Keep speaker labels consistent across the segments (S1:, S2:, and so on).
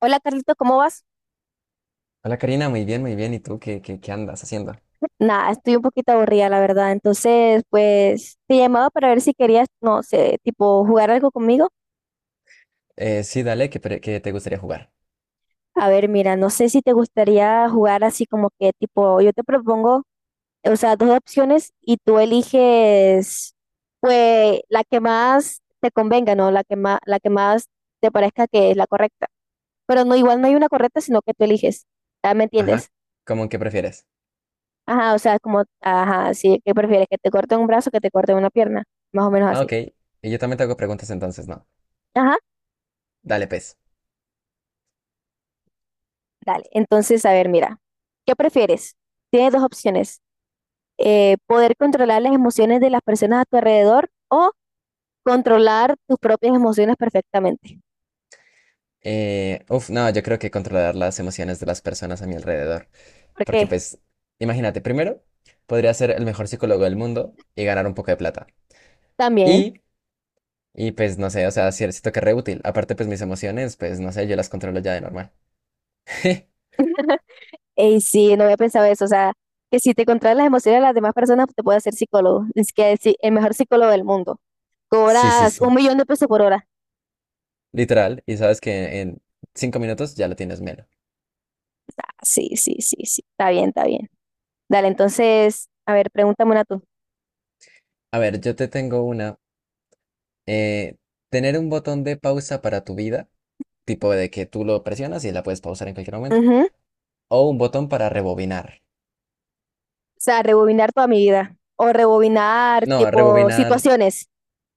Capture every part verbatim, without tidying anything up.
S1: Hola Carlito, ¿cómo vas?
S2: Hola Karina, muy bien, muy bien. ¿Y tú qué, qué, qué andas haciendo?
S1: Nada, estoy un poquito aburrida, la verdad. Entonces, pues te llamaba para ver si querías, no sé, tipo jugar algo conmigo.
S2: Eh, sí, dale, qué, pre- que te gustaría jugar.
S1: A ver, mira, no sé si te gustaría jugar así como que tipo, yo te propongo, o sea, dos opciones y tú eliges, pues, la que más te convenga, ¿no? La que más, la que más te parezca que es la correcta. Pero no, igual no hay una correcta, sino que tú eliges. Ah, ¿me entiendes?
S2: Ajá, ¿cómo que prefieres?
S1: Ajá, o sea, como, ajá, sí, ¿qué prefieres? ¿Que te corten un brazo o que te corten una pierna? Más o menos
S2: Ah,
S1: así.
S2: ok. Y yo también te hago preguntas entonces, ¿no?
S1: Ajá,
S2: Dale, pues.
S1: dale. Entonces, a ver, mira, ¿qué prefieres? Tienes dos opciones. Eh, poder controlar las emociones de las personas a tu alrededor o controlar tus propias emociones perfectamente.
S2: Eh, uf, no, yo creo que controlar las emociones de las personas a mi alrededor. Porque
S1: Porque
S2: pues, imagínate, primero, podría ser el mejor psicólogo del mundo y ganar un poco de plata.
S1: también,
S2: Y, y pues, no sé, o sea, sí- siento que es re útil. Aparte, pues mis emociones, pues, no sé, yo las controlo ya de normal.
S1: y sí, no había pensado eso, o sea, que si te controlas las emociones de las demás personas, te puedes hacer psicólogo. Es que sí, el mejor psicólogo del mundo.
S2: Sí, sí,
S1: Cobras un
S2: sí.
S1: millón de pesos por hora.
S2: Literal. Y sabes que en cinco minutos ya lo tienes menos.
S1: Ah, sí, sí, sí, sí. Está bien, está bien. Dale, entonces, a ver, pregúntame una tú.
S2: A ver, yo te tengo una. Eh, tener un botón de pausa para tu vida, tipo de que tú lo presionas y la puedes pausar en cualquier momento. O un botón para rebobinar.
S1: O sea, rebobinar toda mi vida. O rebobinar
S2: No,
S1: tipo
S2: rebobinar.
S1: situaciones.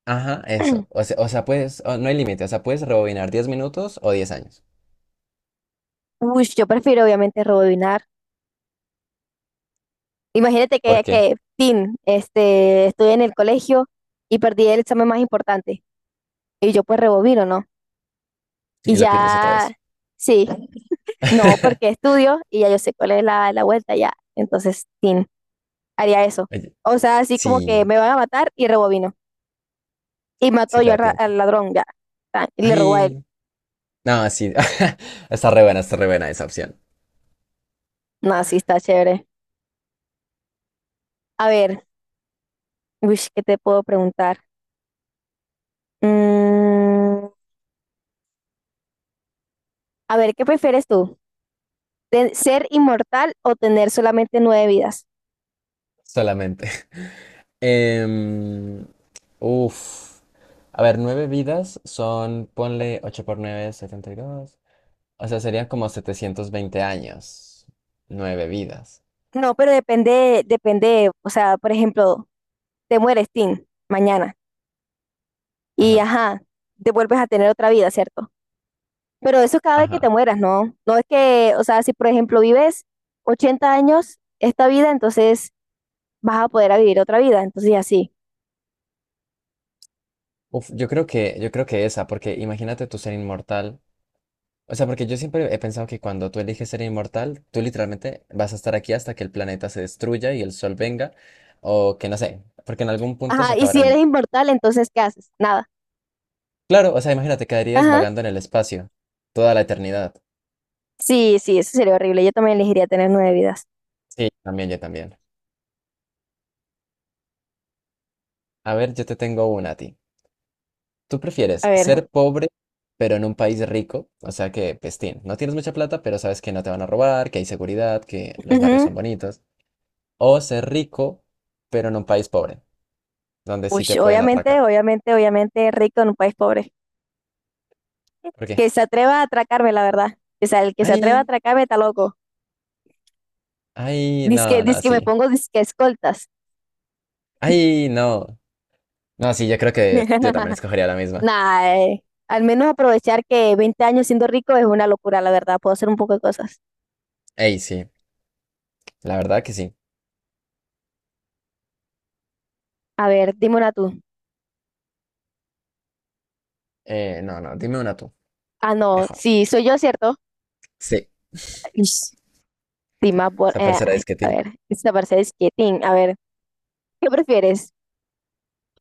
S2: Ajá, eso. O sea, o sea, puedes. O- no hay límite. O sea, puedes rebobinar diez minutos o diez años.
S1: Uy, yo prefiero obviamente rebobinar. Imagínate
S2: ¿Por
S1: que,
S2: qué?
S1: que tin, este, estoy en el colegio y perdí el examen más importante. Y yo pues rebobino, ¿no? Y
S2: Y lo pierdes otra
S1: ya,
S2: vez.
S1: sí, no, porque estudio y ya yo sé cuál es la, la vuelta ya. Entonces, tin, haría eso.
S2: Oye,
S1: O sea, así como que
S2: sí,
S1: me van a matar y rebobino. Y mató
S2: sí te
S1: yo al,
S2: da
S1: ra-
S2: tiempo.
S1: al ladrón ya. Tan, y le robó a él.
S2: Ay, no, sí. Está re buena, está re buena esa opción.
S1: No, sí, está chévere. A ver, uy, ¿qué te puedo preguntar? Mm, a ver, ¿qué prefieres tú? ¿Ten- ¿Ser inmortal o tener solamente nueve vidas?
S2: Solamente. Em, Uf. A ver, nueve vidas son, ponle ocho por nueve, setenta y dos. O sea, serían como setecientos veinte años. Nueve vidas.
S1: No, pero depende, depende, o sea, por ejemplo, te mueres, Tim, mañana, y
S2: Ajá,
S1: ajá, te vuelves a tener otra vida, ¿cierto? Pero eso es cada vez que te
S2: ajá.
S1: mueras, ¿no? No es que, o sea, si por ejemplo vives ochenta años esta vida, entonces vas a poder a vivir otra vida, entonces y así.
S2: Uf, yo creo que, yo creo que esa, porque imagínate tú ser inmortal. O sea, porque yo siempre he pensado que cuando tú eliges ser inmortal, tú literalmente vas a estar aquí hasta que el planeta se destruya y el sol venga, o que no sé, porque en algún punto se
S1: Ajá, y
S2: acabará
S1: si
S2: el...
S1: eres
S2: mu-
S1: inmortal, entonces ¿qué haces? Nada.
S2: Claro, o sea, imagínate, quedarías
S1: Ajá.
S2: vagando en el espacio toda la eternidad.
S1: Sí, sí, eso sería horrible. Yo también elegiría tener nueve vidas.
S2: Sí, yo también, yo también. A ver, yo te tengo una a ti. ¿Tú
S1: A
S2: prefieres
S1: ver.
S2: ser pobre, pero en un país rico? O sea que, pestín, no tienes mucha plata, pero sabes que no te van a robar, que hay seguridad, que los barrios
S1: Ujú.
S2: son bonitos. O ser rico, pero en un país pobre, donde sí
S1: Uy,
S2: te pueden
S1: obviamente,
S2: atracar.
S1: obviamente, obviamente, rico en un país pobre.
S2: ¿Por qué?
S1: Que se atreva a atracarme, la verdad. O sea, el que se atreva a
S2: Ay,
S1: atracarme está loco.
S2: ay,
S1: Dice
S2: no, no,
S1: que, me
S2: sí.
S1: pongo disque escoltas.
S2: Ay, no. No, sí, yo creo que yo también escogería la misma.
S1: Nah, eh, al menos aprovechar que veinte años siendo rico es una locura, la verdad. Puedo hacer un poco de cosas.
S2: Ey, sí, la verdad que sí.
S1: A ver, dime una tú.
S2: Eh, no, no, dime una tú,
S1: Ah, no,
S2: mejor.
S1: sí, soy yo, ¿cierto?
S2: Sí,
S1: Ish, sí, más bo-
S2: esa
S1: eh,
S2: parcera
S1: ay,
S2: es que
S1: a
S2: ti.
S1: ver, esta parece disquetín. A ver, ¿qué prefieres?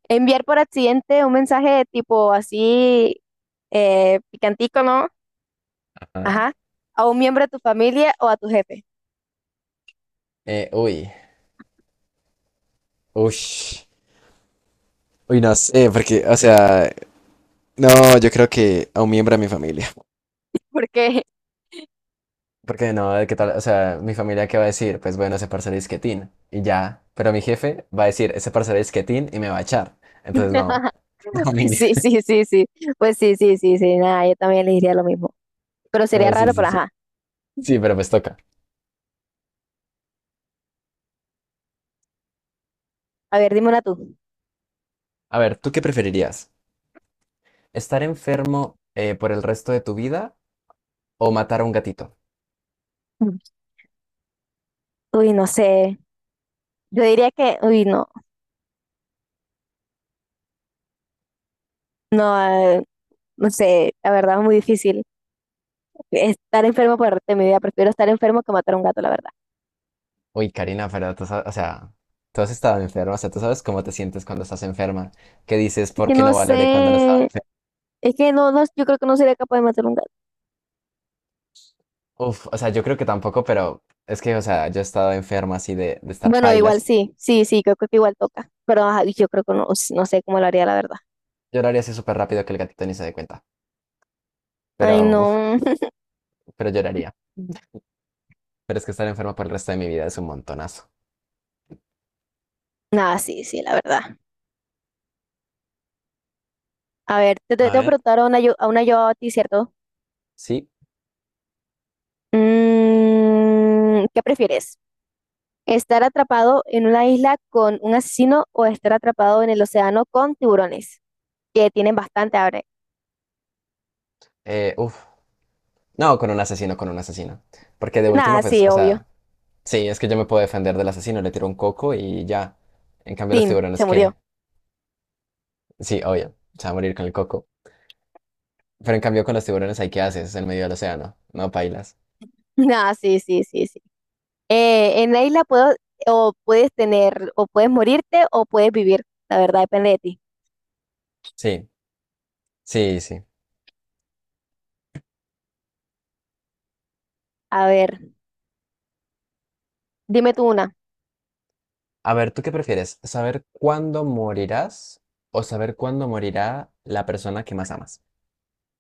S1: ¿Enviar por accidente un mensaje tipo así eh, picantico, ¿no?
S2: Ajá.
S1: Ajá. A un miembro de tu familia o a tu jefe.
S2: Eh, uy. Uy, uy, no sé, porque, o sea, no, yo creo que a un miembro de mi familia.
S1: Porque,
S2: Porque no, ¿qué tal? O sea, mi familia, ¿qué va a decir? Pues bueno, ese parcero es quietín, y ya. Pero mi jefe va a decir, ese parcero es quietín, y me va a echar. Entonces, no, la
S1: pues
S2: familia.
S1: sí, sí, sí, sí. Pues sí, sí, sí, sí. Nada, yo también le diría lo mismo. Pero sería
S2: Ah, sí,
S1: raro,
S2: sí,
S1: pero
S2: sí.
S1: ajá.
S2: Sí, pero pues toca.
S1: A ver, dime una tú.
S2: A ver, ¿tú qué preferirías? ¿Estar enfermo eh, por el resto de tu vida o matar a un gatito?
S1: Mm. Uy, no sé. Yo diría que, uy, no. No, eh, no sé. La verdad es muy difícil. Estar enfermo por el resto de mi vida. Prefiero estar enfermo que matar a un gato, la verdad.
S2: Uy, Karina, pero tú sa- o sea, tú has estado enferma, o sea, tú sabes cómo te sientes cuando estás enferma. ¿Qué dices?
S1: Es
S2: ¿Por
S1: que
S2: qué
S1: no
S2: no valoré cuando no estaba
S1: sé.
S2: enferma?
S1: Es que no, no, yo creo que no sería capaz de matar a un gato.
S2: Uf, o sea, yo creo que tampoco, pero es que, o sea, yo he estado enfermo así de, de estar
S1: Bueno, igual
S2: pailas.
S1: sí, sí, sí, creo que igual toca. Pero ajá, yo creo que no, no sé cómo lo haría, la verdad.
S2: Lloraría así súper rápido que el gatito ni se dé cuenta.
S1: Ay,
S2: Pero, uf,
S1: no.
S2: pero lloraría. Pero es que estar enfermo por el resto de mi vida es un montonazo.
S1: Nada, sí, sí, la verdad. A ver, te te-
S2: A
S1: te voy a
S2: ver.
S1: preguntar a una yo a, una yo a ti, ¿cierto?
S2: Sí,
S1: Mm, ¿qué prefieres? ¿Estar atrapado en una isla con un asesino o estar atrapado en el océano con tiburones? Que tienen bastante hambre.
S2: eh, uf. No, con un asesino, con un asesino. Porque de último,
S1: Nada,
S2: pues,
S1: sí,
S2: o
S1: obvio.
S2: sea, sí, es que yo me puedo defender del asesino, le tiro un coco y ya. En cambio, los
S1: Tim, se
S2: tiburones,
S1: murió.
S2: ¿qué? Sí, obvio, se va a morir con el coco. Pero en cambio, con los tiburones, ¿hay qué haces en medio del océano? No pailas.
S1: Nada, sí, sí, sí, sí. Eh, en la isla puedo, o puedes tener, o puedes morirte o puedes vivir. La verdad depende de ti.
S2: Sí, sí, sí.
S1: A ver, dime tú una.
S2: A ver, ¿tú qué prefieres? ¿Saber cuándo morirás o saber cuándo morirá la persona que más amas?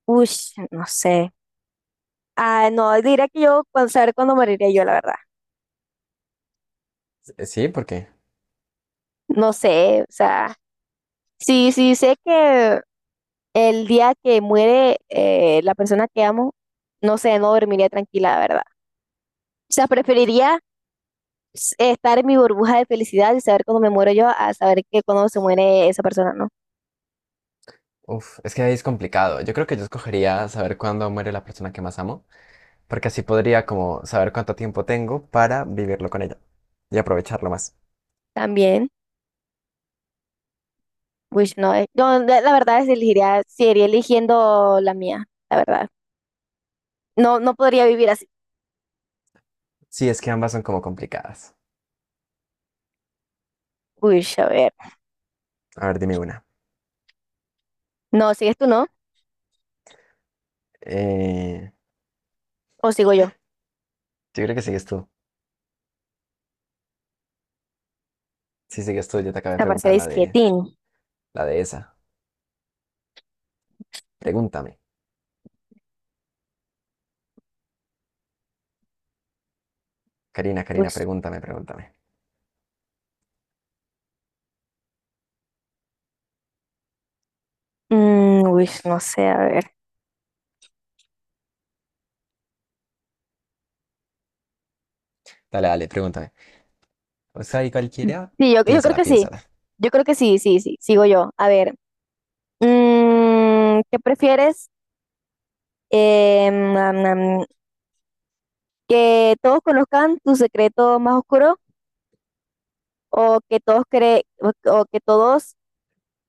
S1: Uy, no sé. Ah, no, diría que yo, cuando- saber cuándo moriría yo, la verdad.
S2: Eh, Sí, porque,
S1: No sé, o sea, sí, sí sé que el día que muere eh, la persona que amo, no sé, no dormiría tranquila, la verdad. O sea, preferiría s- estar en mi burbuja de felicidad y saber cuando me muero yo a saber que cuando se muere esa persona, ¿no?
S2: uf, es que ahí es complicado. Yo creo que yo escogería saber cuándo muere la persona que más amo, porque así podría como saber cuánto tiempo tengo para vivirlo con ella y aprovecharlo más.
S1: También, pues no, eh, yo la la verdad es elegiría, seguiría eligiendo la mía, la verdad. No, no podría vivir así.
S2: Sí, es que ambas son como complicadas.
S1: Uy, a ver.
S2: A ver, dime una.
S1: No, ¿sigues tú, no?
S2: Eh,
S1: ¿O sigo yo?
S2: yo creo que sigues tú. Sí, sigues tú. Yo te acabé de
S1: Esta parcela
S2: preguntar la
S1: es
S2: de,
S1: quietín.
S2: la de esa. Pregúntame. Karina, Karina,
S1: Pues,
S2: pregúntame, pregúntame.
S1: mm, uy, no sé, a ver.
S2: Dale, dale, pregúntame. O sea, y cualquiera,
S1: Sí, yo, yo creo
S2: piénsala,
S1: que sí.
S2: piénsala.
S1: Yo creo que sí, sí, sí. Sigo yo. A ver, mm, ¿qué prefieres? Eh, nam, nam, ¿Que todos conozcan tu secreto más oscuro o que todos creen o, o que todos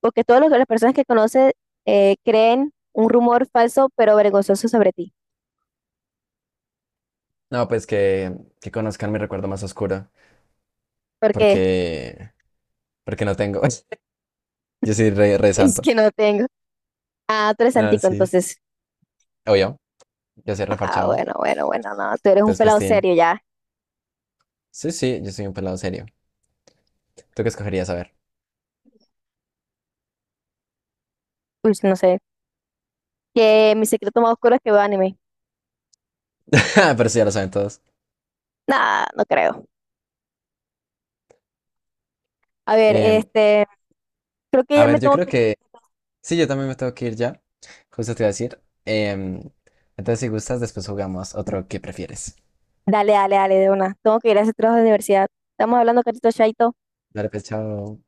S1: o que todas los- las personas que conoces eh, creen un rumor falso pero vergonzoso sobre ti?
S2: No, pues que, que conozcan mi recuerdo más oscuro,
S1: Porque
S2: porque, porque no tengo. Yo soy re, re
S1: es
S2: santo.
S1: que no tengo. Ah, tú eres
S2: No,
S1: antico,
S2: sí.
S1: entonces.
S2: Obvio, yo soy
S1: Ah,
S2: refarchado.
S1: bueno, bueno, bueno, no. Tú eres un
S2: Entonces,
S1: pelado
S2: festín.
S1: serio ya.
S2: Sí, sí, yo soy un pelado serio. ¿Tú qué escogerías? A ver.
S1: Uy, no sé. Que mi secreto más oscuro es que veo anime.
S2: Pero sí, ya lo saben todos.
S1: Nah, no creo. A ver,
S2: Em,
S1: este, creo que
S2: a
S1: ya me
S2: ver, yo
S1: tengo
S2: creo
S1: que ir.
S2: que. Sí, yo también me tengo que ir ya. Justo te iba a decir. Em, entonces, si gustas, después jugamos otro que prefieres.
S1: Dale, dale, dale, de una. Tengo que ir a ese trabajo de universidad. Estamos hablando, Carito, chaito.
S2: Dale, pues, chao.